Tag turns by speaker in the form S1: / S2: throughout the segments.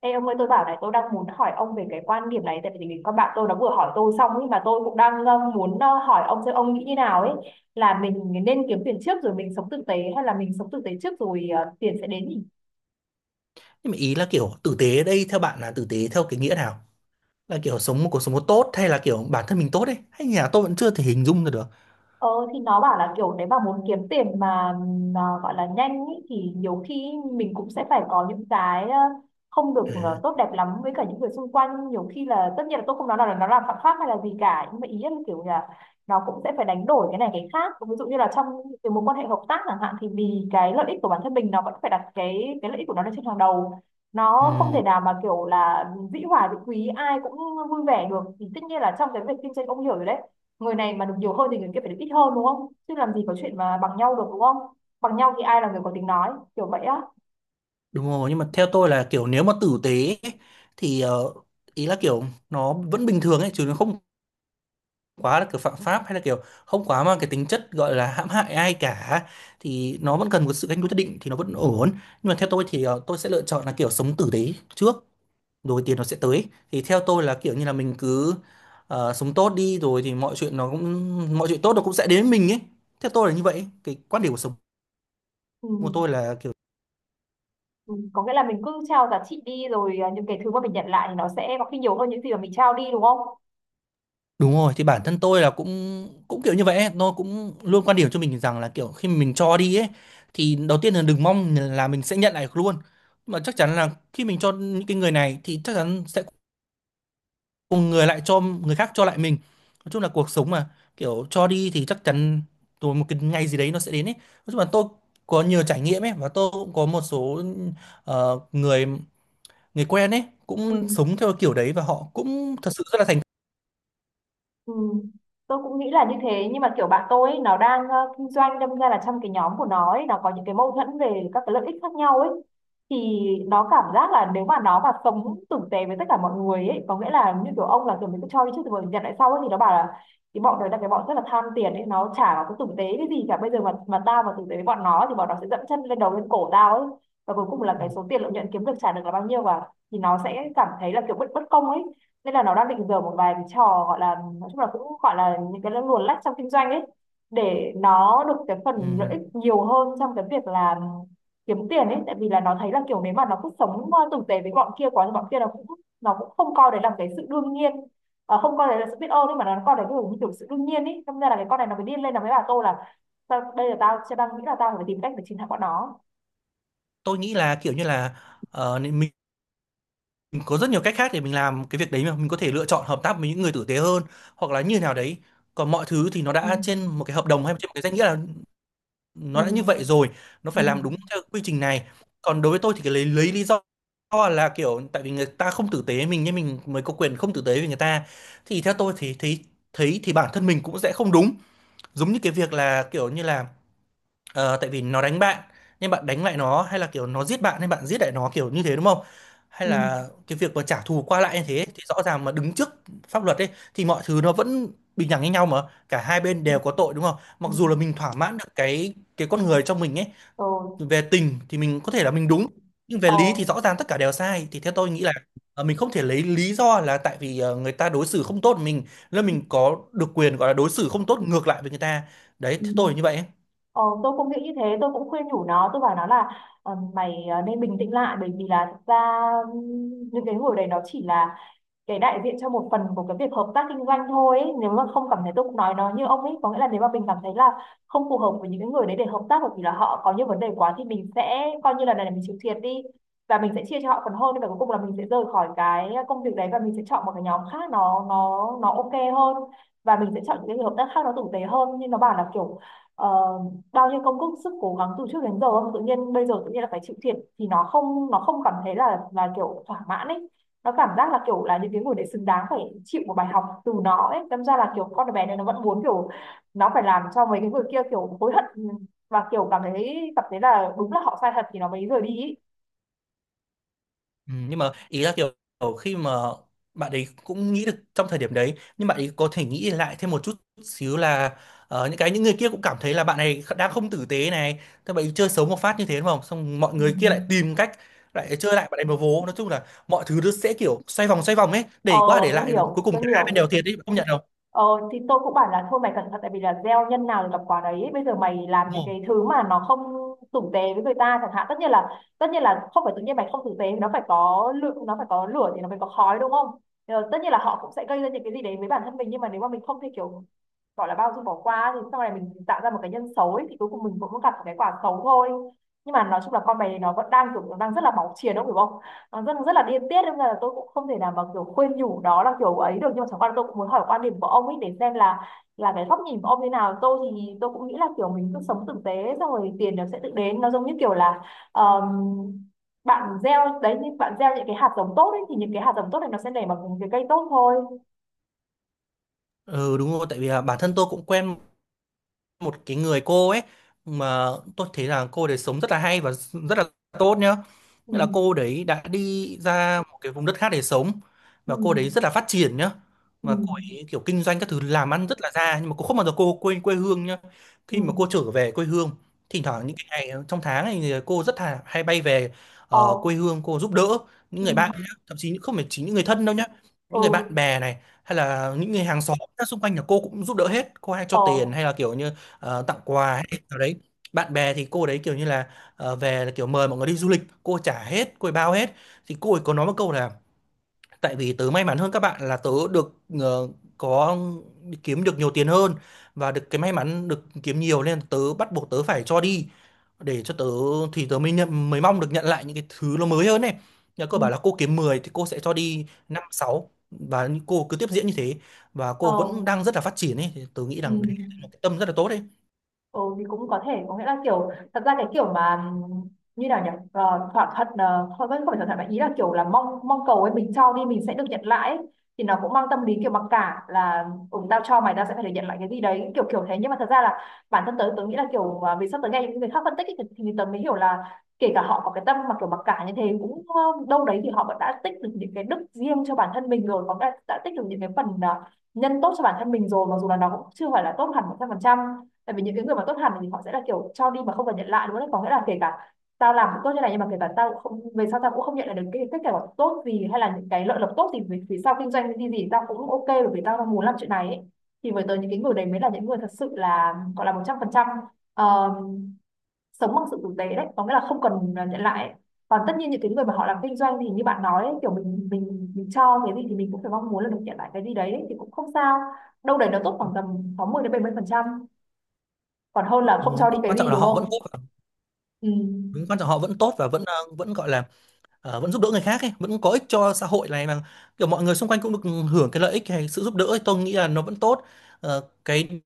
S1: Ê ông ơi, tôi bảo này, tôi đang muốn hỏi ông về cái quan điểm này. Tại vì con bạn tôi nó vừa hỏi tôi xong nhưng mà tôi cũng đang muốn hỏi ông xem ông nghĩ như nào ấy. Là mình nên kiếm tiền trước rồi mình sống tử tế, hay là mình sống tử tế trước rồi tiền sẽ đến nhỉ?
S2: Nhưng mà ý là kiểu tử tế ở đây theo bạn là tử tế theo cái nghĩa nào? Là kiểu sống một cuộc sống tốt hay là kiểu bản thân mình tốt ấy? Hay nhà tôi vẫn chưa thể hình dung ra được.
S1: Ờ thì nó bảo là kiểu nếu mà muốn kiếm tiền mà gọi là nhanh ý, thì nhiều khi mình cũng sẽ phải có những cái không được
S2: À,
S1: tốt đẹp lắm với cả những người xung quanh. Nhiều khi là tất nhiên là tôi không nói là nó làm phạm pháp hay là gì cả, nhưng mà ý là kiểu là nó cũng sẽ phải đánh đổi cái này cái khác, ví dụ như là trong cái mối quan hệ hợp tác chẳng hạn, thì vì cái lợi ích của bản thân mình, nó vẫn phải đặt cái lợi ích của nó lên trên hàng đầu. Nó không
S2: ừm,
S1: thể nào mà kiểu là dĩ hòa vi quý ai cũng vui vẻ được. Thì tất nhiên là trong cái việc kinh doanh, ông hiểu rồi đấy, người này mà được nhiều hơn thì người kia phải được ít hơn đúng không? Chứ làm gì có chuyện mà bằng nhau được, đúng không? Bằng nhau thì ai là người có tiếng nói, kiểu vậy á.
S2: đúng rồi, nhưng mà theo tôi là kiểu nếu mà tử tế ấy, thì ý là kiểu nó vẫn bình thường ấy chứ nó không quá là kiểu phạm pháp hay là kiểu không quá mang cái tính chất gọi là hãm hại ai cả, thì nó vẫn cần một sự canh đối nhất định thì nó vẫn ổn. Nhưng mà theo tôi thì tôi sẽ lựa chọn là kiểu sống tử tế trước rồi tiền nó sẽ tới. Thì theo tôi là kiểu như là mình cứ sống tốt đi rồi thì mọi chuyện tốt nó cũng sẽ đến với mình ấy, theo tôi là như vậy. Cái quan điểm của sống
S1: Ừ.
S2: của tôi là kiểu
S1: Ừ, có nghĩa là mình cứ trao giá trị đi, rồi à, những cái thứ mà mình nhận lại thì nó sẽ có khi nhiều hơn những gì mà mình trao đi, đúng không?
S2: đúng rồi, thì bản thân tôi là cũng cũng kiểu như vậy ấy. Nó cũng luôn quan điểm cho mình rằng là kiểu khi mình cho đi ấy, thì đầu tiên là đừng mong là mình sẽ nhận lại được luôn, mà chắc chắn là khi mình cho những cái người này thì chắc chắn sẽ cùng người lại cho người khác cho lại mình. Nói chung là cuộc sống mà kiểu cho đi thì chắc chắn rồi một cái ngày gì đấy nó sẽ đến ấy. Nói chung là tôi có nhiều trải nghiệm ấy, và tôi cũng có một số người người quen ấy
S1: Ừ.
S2: cũng sống theo kiểu đấy và họ cũng thật sự rất là thành
S1: Ừ. Tôi cũng nghĩ là như thế, nhưng mà kiểu bạn tôi ấy, nó đang kinh doanh, đâm ra là trong cái nhóm của nó ấy, nó có những cái mâu thuẫn về các cái lợi ích khác nhau ấy, thì nó cảm giác là nếu mà nó mà sống tử tế với tất cả mọi người ấy, có nghĩa là như kiểu ông, là kiểu mình cứ cho đi trước rồi nhận lại sau ấy, thì nó bảo là cái bọn đấy là cái bọn rất là tham tiền ấy, nó chả nó có tử tế cái gì cả. Bây giờ mà tao mà tử tế với bọn nó thì bọn nó sẽ dẫm chân lên đầu lên cổ tao ấy. Và cuối cùng là cái
S2: công.
S1: số tiền lợi nhuận kiếm được, trả được là bao nhiêu, và thì nó sẽ cảm thấy là kiểu bất bất công ấy. Nên là nó đang định dở một vài cái trò, gọi là, nói chung là cũng gọi là những cái luồn lách trong kinh doanh ấy, để nó được cái phần lợi
S2: Ừm,
S1: ích nhiều hơn trong cái việc là kiếm tiền ấy. Tại vì là nó thấy là kiểu nếu mà nó cứ sống tử tế với bọn kia quá thì bọn kia nó cũng không coi đấy là cái sự đương nhiên. Không coi đấy là sự biết ơn ấy, mà nó coi đấy kiểu như kiểu sự đương nhiên ấy. Thế nên là cái con này nó mới điên lên, nó mới bảo tôi là: Đây là tao chưa đang nghĩ là tao phải tìm cách để chiến thắng bọn nó."
S2: tôi nghĩ là kiểu như là nên mình có rất nhiều cách khác để mình làm cái việc đấy, mà mình có thể lựa chọn hợp tác với những người tử tế hơn hoặc là như nào đấy. Còn mọi thứ thì nó
S1: Ừ.
S2: đã trên một cái hợp đồng hay trên một cái danh nghĩa nào,
S1: Ừ.
S2: nó đã như vậy rồi nó
S1: Ừ.
S2: phải làm đúng theo quy trình này. Còn đối với tôi thì cái lấy lý do là kiểu tại vì người ta không tử tế mình nên mình mới có quyền không tử tế với người ta, thì theo tôi thì thấy thấy thì bản thân mình cũng sẽ không đúng. Giống như cái việc là kiểu như là, tại vì nó đánh bạn nhưng bạn đánh lại nó, hay là kiểu nó giết bạn nên bạn giết lại nó kiểu như thế đúng không? Hay
S1: Ừ.
S2: là cái việc mà trả thù qua lại như thế thì rõ ràng mà đứng trước pháp luật ấy, thì mọi thứ nó vẫn bình đẳng với nhau mà, cả hai bên đều có tội đúng không?
S1: Ừ.
S2: Mặc dù là mình thỏa mãn được cái con người trong mình ấy,
S1: Ừ.
S2: về tình thì mình có thể là mình đúng nhưng về lý thì
S1: Ừ.
S2: rõ ràng tất cả đều sai, thì theo tôi nghĩ là mình không thể lấy lý do là tại vì người ta đối xử không tốt với mình nên mình có được quyền gọi là đối xử không tốt ngược lại với người ta. Đấy
S1: Ừ.
S2: theo tôi là như vậy.
S1: Ờ, tôi cũng nghĩ như thế. Tôi cũng khuyên nhủ nó, tôi bảo nó là mày nên bình tĩnh lại, bởi vì là thực ra những cái hồi đấy nó chỉ là để đại diện cho một phần của cái việc hợp tác kinh doanh thôi ấy. Nếu mà không cảm thấy, tôi cũng nói nó như ông ấy, có nghĩa là nếu mà mình cảm thấy là không phù hợp với những cái người đấy để hợp tác, bởi vì là họ có những vấn đề quá, thì mình sẽ coi như là này là mình chịu thiệt đi, và mình sẽ chia cho họ phần hơn, và cuối cùng là mình sẽ rời khỏi cái công việc đấy, và mình sẽ chọn một cái nhóm khác nó ok hơn, và mình sẽ chọn những cái hợp tác khác nó tử tế hơn. Nhưng nó bảo là kiểu ờ, bao nhiêu công sức sức cố gắng từ trước đến giờ, tự nhiên bây giờ tự nhiên là phải chịu thiệt, thì nó không cảm thấy là kiểu thỏa mãn ấy. Nó cảm giác là kiểu là những cái người đấy xứng đáng phải chịu một bài học từ nó ấy, đâm ra là kiểu con bé này nó vẫn muốn kiểu nó phải làm cho mấy cái người kia kiểu hối hận, và kiểu cảm thấy là đúng là họ sai thật thì nó mới rời đi ý.
S2: Ừ, nhưng mà ý là kiểu kiểu khi mà bạn ấy cũng nghĩ được trong thời điểm đấy, nhưng bạn ấy có thể nghĩ lại thêm một chút xíu là những người kia cũng cảm thấy là bạn này đang không tử tế này, thế bạn ấy chơi xấu một phát như thế đúng không, xong mọi
S1: Ừ.
S2: người kia lại tìm cách lại chơi lại bạn ấy một vố. Nói chung là mọi thứ nó sẽ kiểu xoay vòng ấy,
S1: Ờ,
S2: để qua để
S1: tôi
S2: lại đến cuối
S1: hiểu,
S2: cùng
S1: tôi
S2: cả hai bên
S1: hiểu.
S2: đều thiệt đấy, bạn không nhận đâu.
S1: Ờ thì tôi cũng bảo là thôi mày cẩn thận, tại vì là gieo nhân nào thì gặp quả đấy. Bây giờ mày làm
S2: Đúng
S1: những
S2: rồi.
S1: cái thứ mà nó không tử tế với người ta chẳng hạn, tất nhiên là không phải tự nhiên mày không tử tế, nó phải có lượng, nó phải có lửa thì nó mới có khói, đúng không? Ờ, tất nhiên là họ cũng sẽ gây ra những cái gì đấy với bản thân mình, nhưng mà nếu mà mình không thể kiểu gọi là bao dung bỏ qua, thì sau này mình tạo ra một cái nhân xấu ấy, thì cuối cùng mình cũng gặp một cái quả xấu thôi. Nhưng mà nói chung là con mày nó vẫn đang kiểu nó đang rất là máu chiến, đúng không? Nó rất rất là điên tiết, nên là tôi cũng không thể nào mà kiểu khuyên nhủ đó là kiểu ấy được. Nhưng mà chẳng qua là tôi cũng muốn hỏi quan điểm của ông ấy để xem là cái góc nhìn của ông như nào. Tôi thì tôi cũng nghĩ là kiểu mình cứ sống tử tế xong rồi tiền nó sẽ tự đến. Nó giống như kiểu là ờm, bạn gieo đấy, như bạn gieo những cái hạt giống tốt ấy, thì những cái hạt giống tốt này nó sẽ nảy bằng những cái cây tốt thôi.
S2: Ừ đúng rồi, tại vì là bản thân tôi cũng quen một cái người cô ấy mà tôi thấy là cô đấy sống rất là hay và rất là tốt nhá. Nghĩa là cô
S1: Ừ.
S2: đấy đã đi ra một cái vùng đất khác để sống
S1: Ừ.
S2: và cô đấy rất là phát triển nhá.
S1: Ừ.
S2: Và cô ấy kiểu kinh doanh các thứ làm ăn rất là ra, nhưng mà cô không bao giờ cô quên quê hương nhá.
S1: Ừ.
S2: Khi mà cô trở về quê hương, thỉnh thoảng những cái ngày trong tháng này thì cô rất là hay bay về
S1: Ờ.
S2: quê hương cô giúp đỡ những người bạn
S1: Ừ.
S2: nhá. Thậm chí không phải chỉ những người thân đâu nhá, những người bạn
S1: Ừ.
S2: bè này hay là những người hàng xóm xung quanh là cô cũng giúp đỡ hết, cô hay cho tiền
S1: Ờ.
S2: hay là kiểu như tặng quà hay nào đấy. Bạn bè thì cô đấy kiểu như là về là kiểu mời mọi người đi du lịch cô trả hết, cô ấy bao hết. Thì cô ấy có nói một câu là, tại vì tớ may mắn hơn các bạn là tớ được ờ, có kiếm được nhiều tiền hơn và được cái may mắn được kiếm nhiều nên tớ bắt buộc tớ phải cho đi, để cho tớ thì tớ mới nhận, mới mong được nhận lại những cái thứ nó mới hơn này. Nhà cô
S1: Ừ.
S2: bảo là cô kiếm 10 thì cô sẽ cho đi 5 sáu, và cô cứ tiếp diễn như thế, và
S1: Ờ.
S2: cô vẫn đang rất là phát triển ấy, thì tớ nghĩ
S1: Ừ.
S2: rằng đấy là một cái tâm rất là tốt đấy.
S1: Ừ thì cũng có thể có nghĩa là kiểu thật ra cái kiểu mà như nào nhỉ? Ờ, thỏa thuận, không vẫn không phải thỏa thuận, mà ý là kiểu là mong mong cầu ấy, mình cho đi mình sẽ được nhận lại ấy. Thì nó cũng mang tâm lý kiểu mặc cả là ừ, tao cho mày tao sẽ phải được nhận lại cái gì đấy, kiểu kiểu thế. Nhưng mà thật ra là bản thân tớ tớ nghĩ là kiểu à, vì sắp tới nghe những người khác phân tích ấy, thì tớ mới hiểu là kể cả họ có cái tâm mà kiểu mặc cả như thế cũng đâu đấy, thì họ vẫn đã tích được những cái đức riêng cho bản thân mình rồi, có đã tích được những cái phần nhân tốt cho bản thân mình rồi, mặc dù là nó cũng chưa phải là tốt hẳn 100%. Tại vì những cái người mà tốt hẳn thì họ sẽ là kiểu cho đi mà không cần nhận lại, đúng không? Có nghĩa là kể cả tao làm cũng tốt như này, nhưng mà kể cả tao không, về sau tao cũng không nhận lại được cái kết quả tốt gì hay là những cái lợi lộc tốt gì, vì vì sao kinh doanh cái gì gì tao cũng ok bởi vì tao muốn làm chuyện này ấy. Thì với tới những cái người đấy mới là những người thật sự là, gọi là, 100% sống bằng sự tử tế đấy, có nghĩa là không cần nhận lại ấy. Còn tất nhiên những cái người mà họ làm kinh doanh thì như bạn nói ấy, kiểu mình cho cái gì thì mình cũng phải mong muốn là được nhận lại cái gì đấy ấy, thì cũng không sao. Đâu đấy nó tốt khoảng tầm 60% đến 70%, còn hơn là
S2: Đúng
S1: không
S2: rồi.
S1: cho đi cái
S2: Quan trọng
S1: gì,
S2: là
S1: đúng
S2: họ vẫn tốt
S1: không? Ừ.
S2: đúng, quan trọng họ vẫn tốt và vẫn gọi là vẫn giúp đỡ người khác ấy, vẫn có ích cho xã hội này mà, kiểu mọi người xung quanh cũng được hưởng cái lợi ích hay sự giúp đỡ ấy. Tôi nghĩ là nó vẫn tốt. Ờ, cái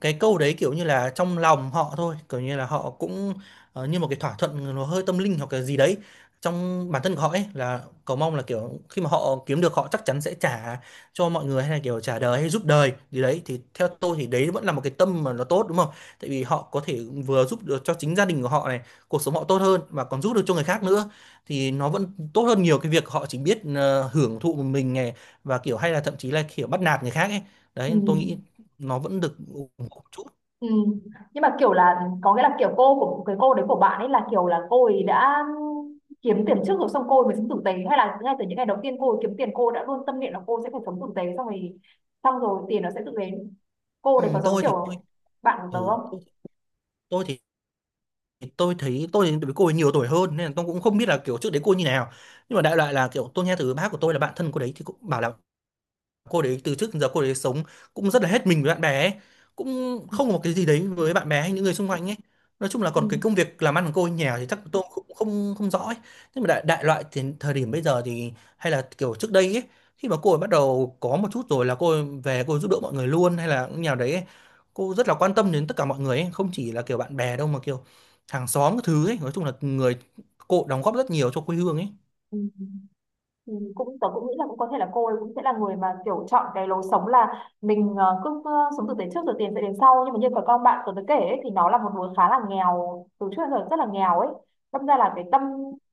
S2: cái câu đấy kiểu như là trong lòng họ thôi, kiểu như là họ cũng như một cái thỏa thuận, nó hơi tâm linh hoặc cái gì đấy trong bản thân của họ ấy, là cầu mong là kiểu khi mà họ kiếm được họ chắc chắn sẽ trả cho mọi người, hay là kiểu trả đời hay giúp đời gì đấy, thì theo tôi thì đấy vẫn là một cái tâm mà nó tốt đúng không. Tại vì họ có thể vừa giúp được cho chính gia đình của họ này, cuộc sống họ tốt hơn, mà còn giúp được cho người khác nữa, thì nó vẫn tốt hơn nhiều cái việc họ chỉ biết hưởng thụ một mình này, và kiểu hay là thậm chí là kiểu bắt nạt người khác ấy.
S1: Ừ.
S2: Đấy tôi nghĩ nó vẫn được ủng hộ một chút.
S1: Ừ. Nhưng mà kiểu là có nghĩa là kiểu cô của cái cô đấy của bạn ấy là kiểu là cô ấy đã kiếm tiền trước rồi xong cô ấy mới sống tử tế, hay là ngay từ những ngày đầu tiên cô ấy kiếm tiền cô đã luôn tâm niệm là cô sẽ phải sống tử tế xong rồi, xong rồi tiền nó sẽ tự đến, cô
S2: Ừ,
S1: đấy có giống
S2: tôi thì tôi,
S1: kiểu bạn của
S2: ừ,
S1: tớ không?
S2: tôi tôi thì Tôi thì với cô ấy nhiều tuổi hơn nên là tôi cũng không biết là kiểu trước đấy cô như nào. Nhưng mà đại loại là kiểu tôi nghe từ bác của tôi là bạn thân cô đấy thì cũng bảo là cô đấy từ trước đến giờ cô đấy sống cũng rất là hết mình với bạn bè ấy, cũng
S1: Ừ.
S2: không có một cái gì đấy với bạn bè hay những người xung quanh ấy. Nói chung là
S1: Ừ.
S2: còn cái công việc làm ăn của cô ở nhà thì chắc tôi cũng không không rõ ấy. Nhưng mà đại loại thì thời điểm bây giờ thì hay là kiểu trước đây ấy, khi mà cô ấy bắt đầu có một chút rồi là cô ấy về cô ấy giúp đỡ mọi người luôn, hay là nhà đấy ấy. Cô rất là quan tâm đến tất cả mọi người ấy, không chỉ là kiểu bạn bè đâu mà kiểu hàng xóm cái thứ ấy. Nói chung là người cô đóng góp rất nhiều cho quê hương ấy.
S1: Ừ. Ừ, tớ cũng nghĩ là cũng có thể là cô ấy cũng sẽ là người mà kiểu chọn cái lối sống là mình cứ sống tử tế trước rồi tiền sẽ đến sau, nhưng mà như cái con bạn tớ tớ kể ấy, thì nó là một đứa khá là nghèo, từ trước đến giờ rất là nghèo ấy. Đâm ra là cái tâm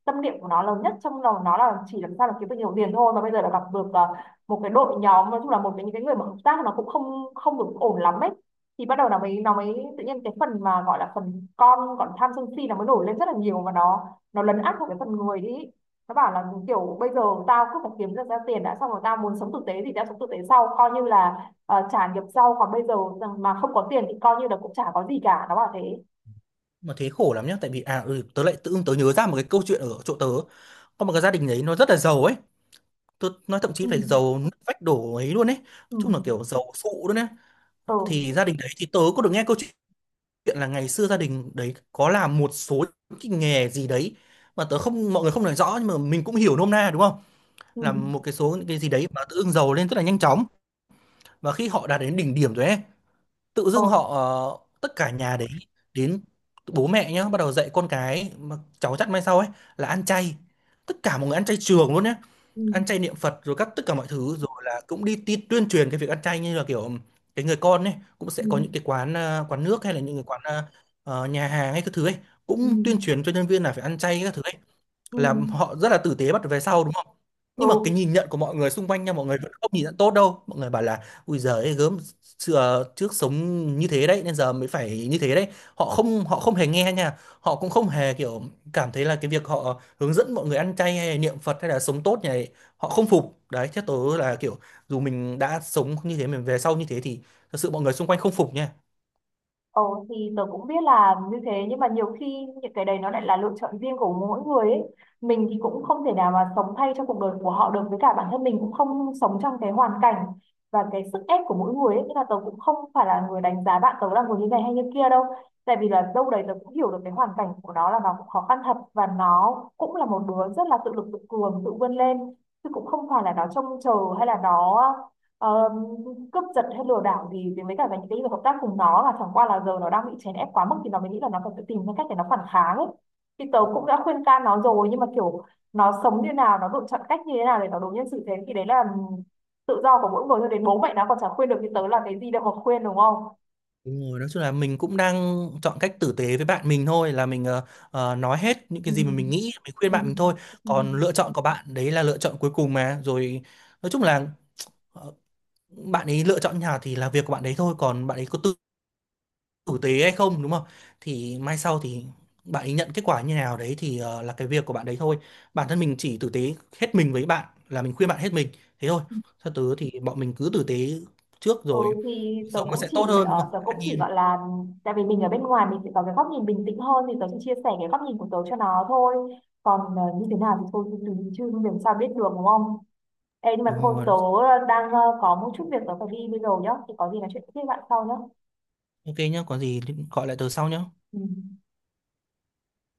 S1: tâm niệm của nó lớn nhất trong đầu nó là chỉ làm sao là kiếm được nhiều tiền thôi, mà bây giờ là gặp được một cái đội nhóm, nói chung là một cái những cái người mà hợp tác nó cũng không không được ổn lắm ấy. Thì bắt đầu nó mới tự nhiên cái phần mà gọi là phần con còn tham sân si nó mới nổi lên rất là nhiều, và nó lấn át vào cái phần người đi. Nó bảo là kiểu bây giờ tao cứ phải kiếm được ra tiền đã, xong rồi tao muốn sống tử tế thì tao sống tử tế sau, coi như là trả nghiệp sau, còn bây giờ mà không có tiền thì coi như là cũng chả có gì cả, nó bảo thế.
S2: Mà thế khổ lắm nhá, tại vì tớ lại tự dưng tớ nhớ ra một cái câu chuyện ở chỗ tớ. Có một cái gia đình đấy nó rất là giàu ấy, tôi nói thậm chí
S1: Ừ.
S2: phải giàu nứt vách đổ ấy luôn ấy, nói
S1: Ừ.
S2: chung là kiểu giàu sụ luôn ấy.
S1: Ừ.
S2: Thì gia đình đấy thì tớ có được nghe câu chuyện là ngày xưa gia đình đấy có làm một số cái nghề gì đấy mà tớ không mọi người không nói rõ, nhưng mà mình cũng hiểu nôm na đúng không,
S1: Ừ.
S2: làm một cái số những cái gì đấy mà tự dưng giàu lên rất là nhanh chóng. Và khi họ đạt đến đỉnh điểm rồi ấy, tự dưng
S1: Ừ.
S2: họ tất cả nhà đấy đến bố mẹ nhá bắt đầu dạy con cái mà cháu chắt mai sau ấy là ăn chay, tất cả mọi người ăn chay trường luôn nhé.
S1: Ừ.
S2: Ăn chay niệm Phật rồi tất cả mọi thứ, rồi là cũng đi, tuyên truyền cái việc ăn chay, như là kiểu cái người con ấy cũng sẽ
S1: Ừ.
S2: có những cái quán quán nước hay là những cái nhà hàng hay các thứ ấy
S1: Ừ.
S2: cũng tuyên truyền cho nhân viên là phải ăn chay các thứ ấy,
S1: ừ,
S2: là
S1: ừ.
S2: họ rất là tử tế bắt về sau đúng không.
S1: Ừ.
S2: Nhưng mà cái nhìn nhận của mọi người xung quanh nha, mọi người vẫn không nhìn nhận tốt đâu, mọi người bảo là ui giời gớm, xưa trước sống như thế đấy nên giờ mới phải như thế đấy. Họ không hề nghe nha, họ cũng không hề kiểu cảm thấy là cái việc họ hướng dẫn mọi người ăn chay hay niệm Phật hay là sống tốt này, họ không phục đấy chứ. Tớ là kiểu dù mình đã sống như thế mình về sau như thế thì thật sự mọi người xung quanh không phục nha.
S1: Ồ, thì tớ cũng biết là như thế, nhưng mà nhiều khi những cái đấy nó lại là lựa chọn riêng của mỗi người ấy. Mình thì cũng không thể nào mà sống thay cho cuộc đời của họ được, với cả bản thân mình cũng không sống trong cái hoàn cảnh và cái sức ép của mỗi người ấy. Nên là tớ cũng không phải là người đánh giá bạn tớ là người như này hay như kia đâu. Tại vì là đâu đấy tớ cũng hiểu được cái hoàn cảnh của nó, là nó cũng khó khăn thật, và nó cũng là một đứa rất là tự lực tự cường, tự vươn lên. Chứ cũng không phải là nó trông chờ hay là Ờ, cướp giật hay lừa đảo gì. Thì với cả về những cái việc hợp tác cùng nó là chẳng qua là giờ nó đang bị chèn ép quá mức, thì nó mới nghĩ là nó cần phải tự tìm ra cách để nó phản kháng ấy. Thì tớ cũng đã khuyên can nó rồi, nhưng mà kiểu nó sống như nào, nó lựa chọn cách như thế nào để nó đối nhân xử thế thì đấy là tự do của mỗi người. Cho đến bố mẹ nó còn chả khuyên được thì tớ là cái gì đâu mà khuyên, đúng không?
S2: Đúng rồi, nói chung là mình cũng đang chọn cách tử tế với bạn mình thôi, là mình nói hết những cái
S1: Ừ.
S2: gì mà mình nghĩ mình khuyên
S1: Ừ.
S2: bạn mình thôi.
S1: Ừ.
S2: Còn lựa chọn của bạn đấy là lựa chọn cuối cùng mà rồi, nói chung là ờ, bạn ấy lựa chọn nhà thì là việc của bạn ấy thôi. Còn bạn ấy có tử tế hay không đúng không, thì mai sau thì bạn ấy nhận kết quả như nào đấy thì là cái việc của bạn đấy thôi. Bản thân mình chỉ tử tế hết mình với bạn, là mình khuyên bạn hết mình thế thôi. Sau tứ thì bọn mình cứ tử tế trước
S1: Ừ
S2: rồi
S1: thì
S2: cuộc
S1: tớ
S2: sống nó
S1: cũng
S2: sẽ tốt
S1: chỉ
S2: hơn đúng không,
S1: tớ cũng
S2: an
S1: chỉ
S2: nhiên.
S1: gọi là, tại vì mình ở bên ngoài mình sẽ có cái góc nhìn bình tĩnh hơn, thì tớ chỉ chia sẻ cái góc nhìn của tớ cho nó thôi. Còn như thế nào thì thôi thì tùy, chứ làm sao biết được, đúng không? Ê, nhưng mà
S2: Đúng
S1: thôi,
S2: rồi.
S1: tớ đang có một chút việc tớ phải đi bây giờ nhá, thì có gì nói chuyện tiếp với bạn sau nhá.
S2: Ok nhá, có gì gọi lại từ sau nhá.
S1: Ừ.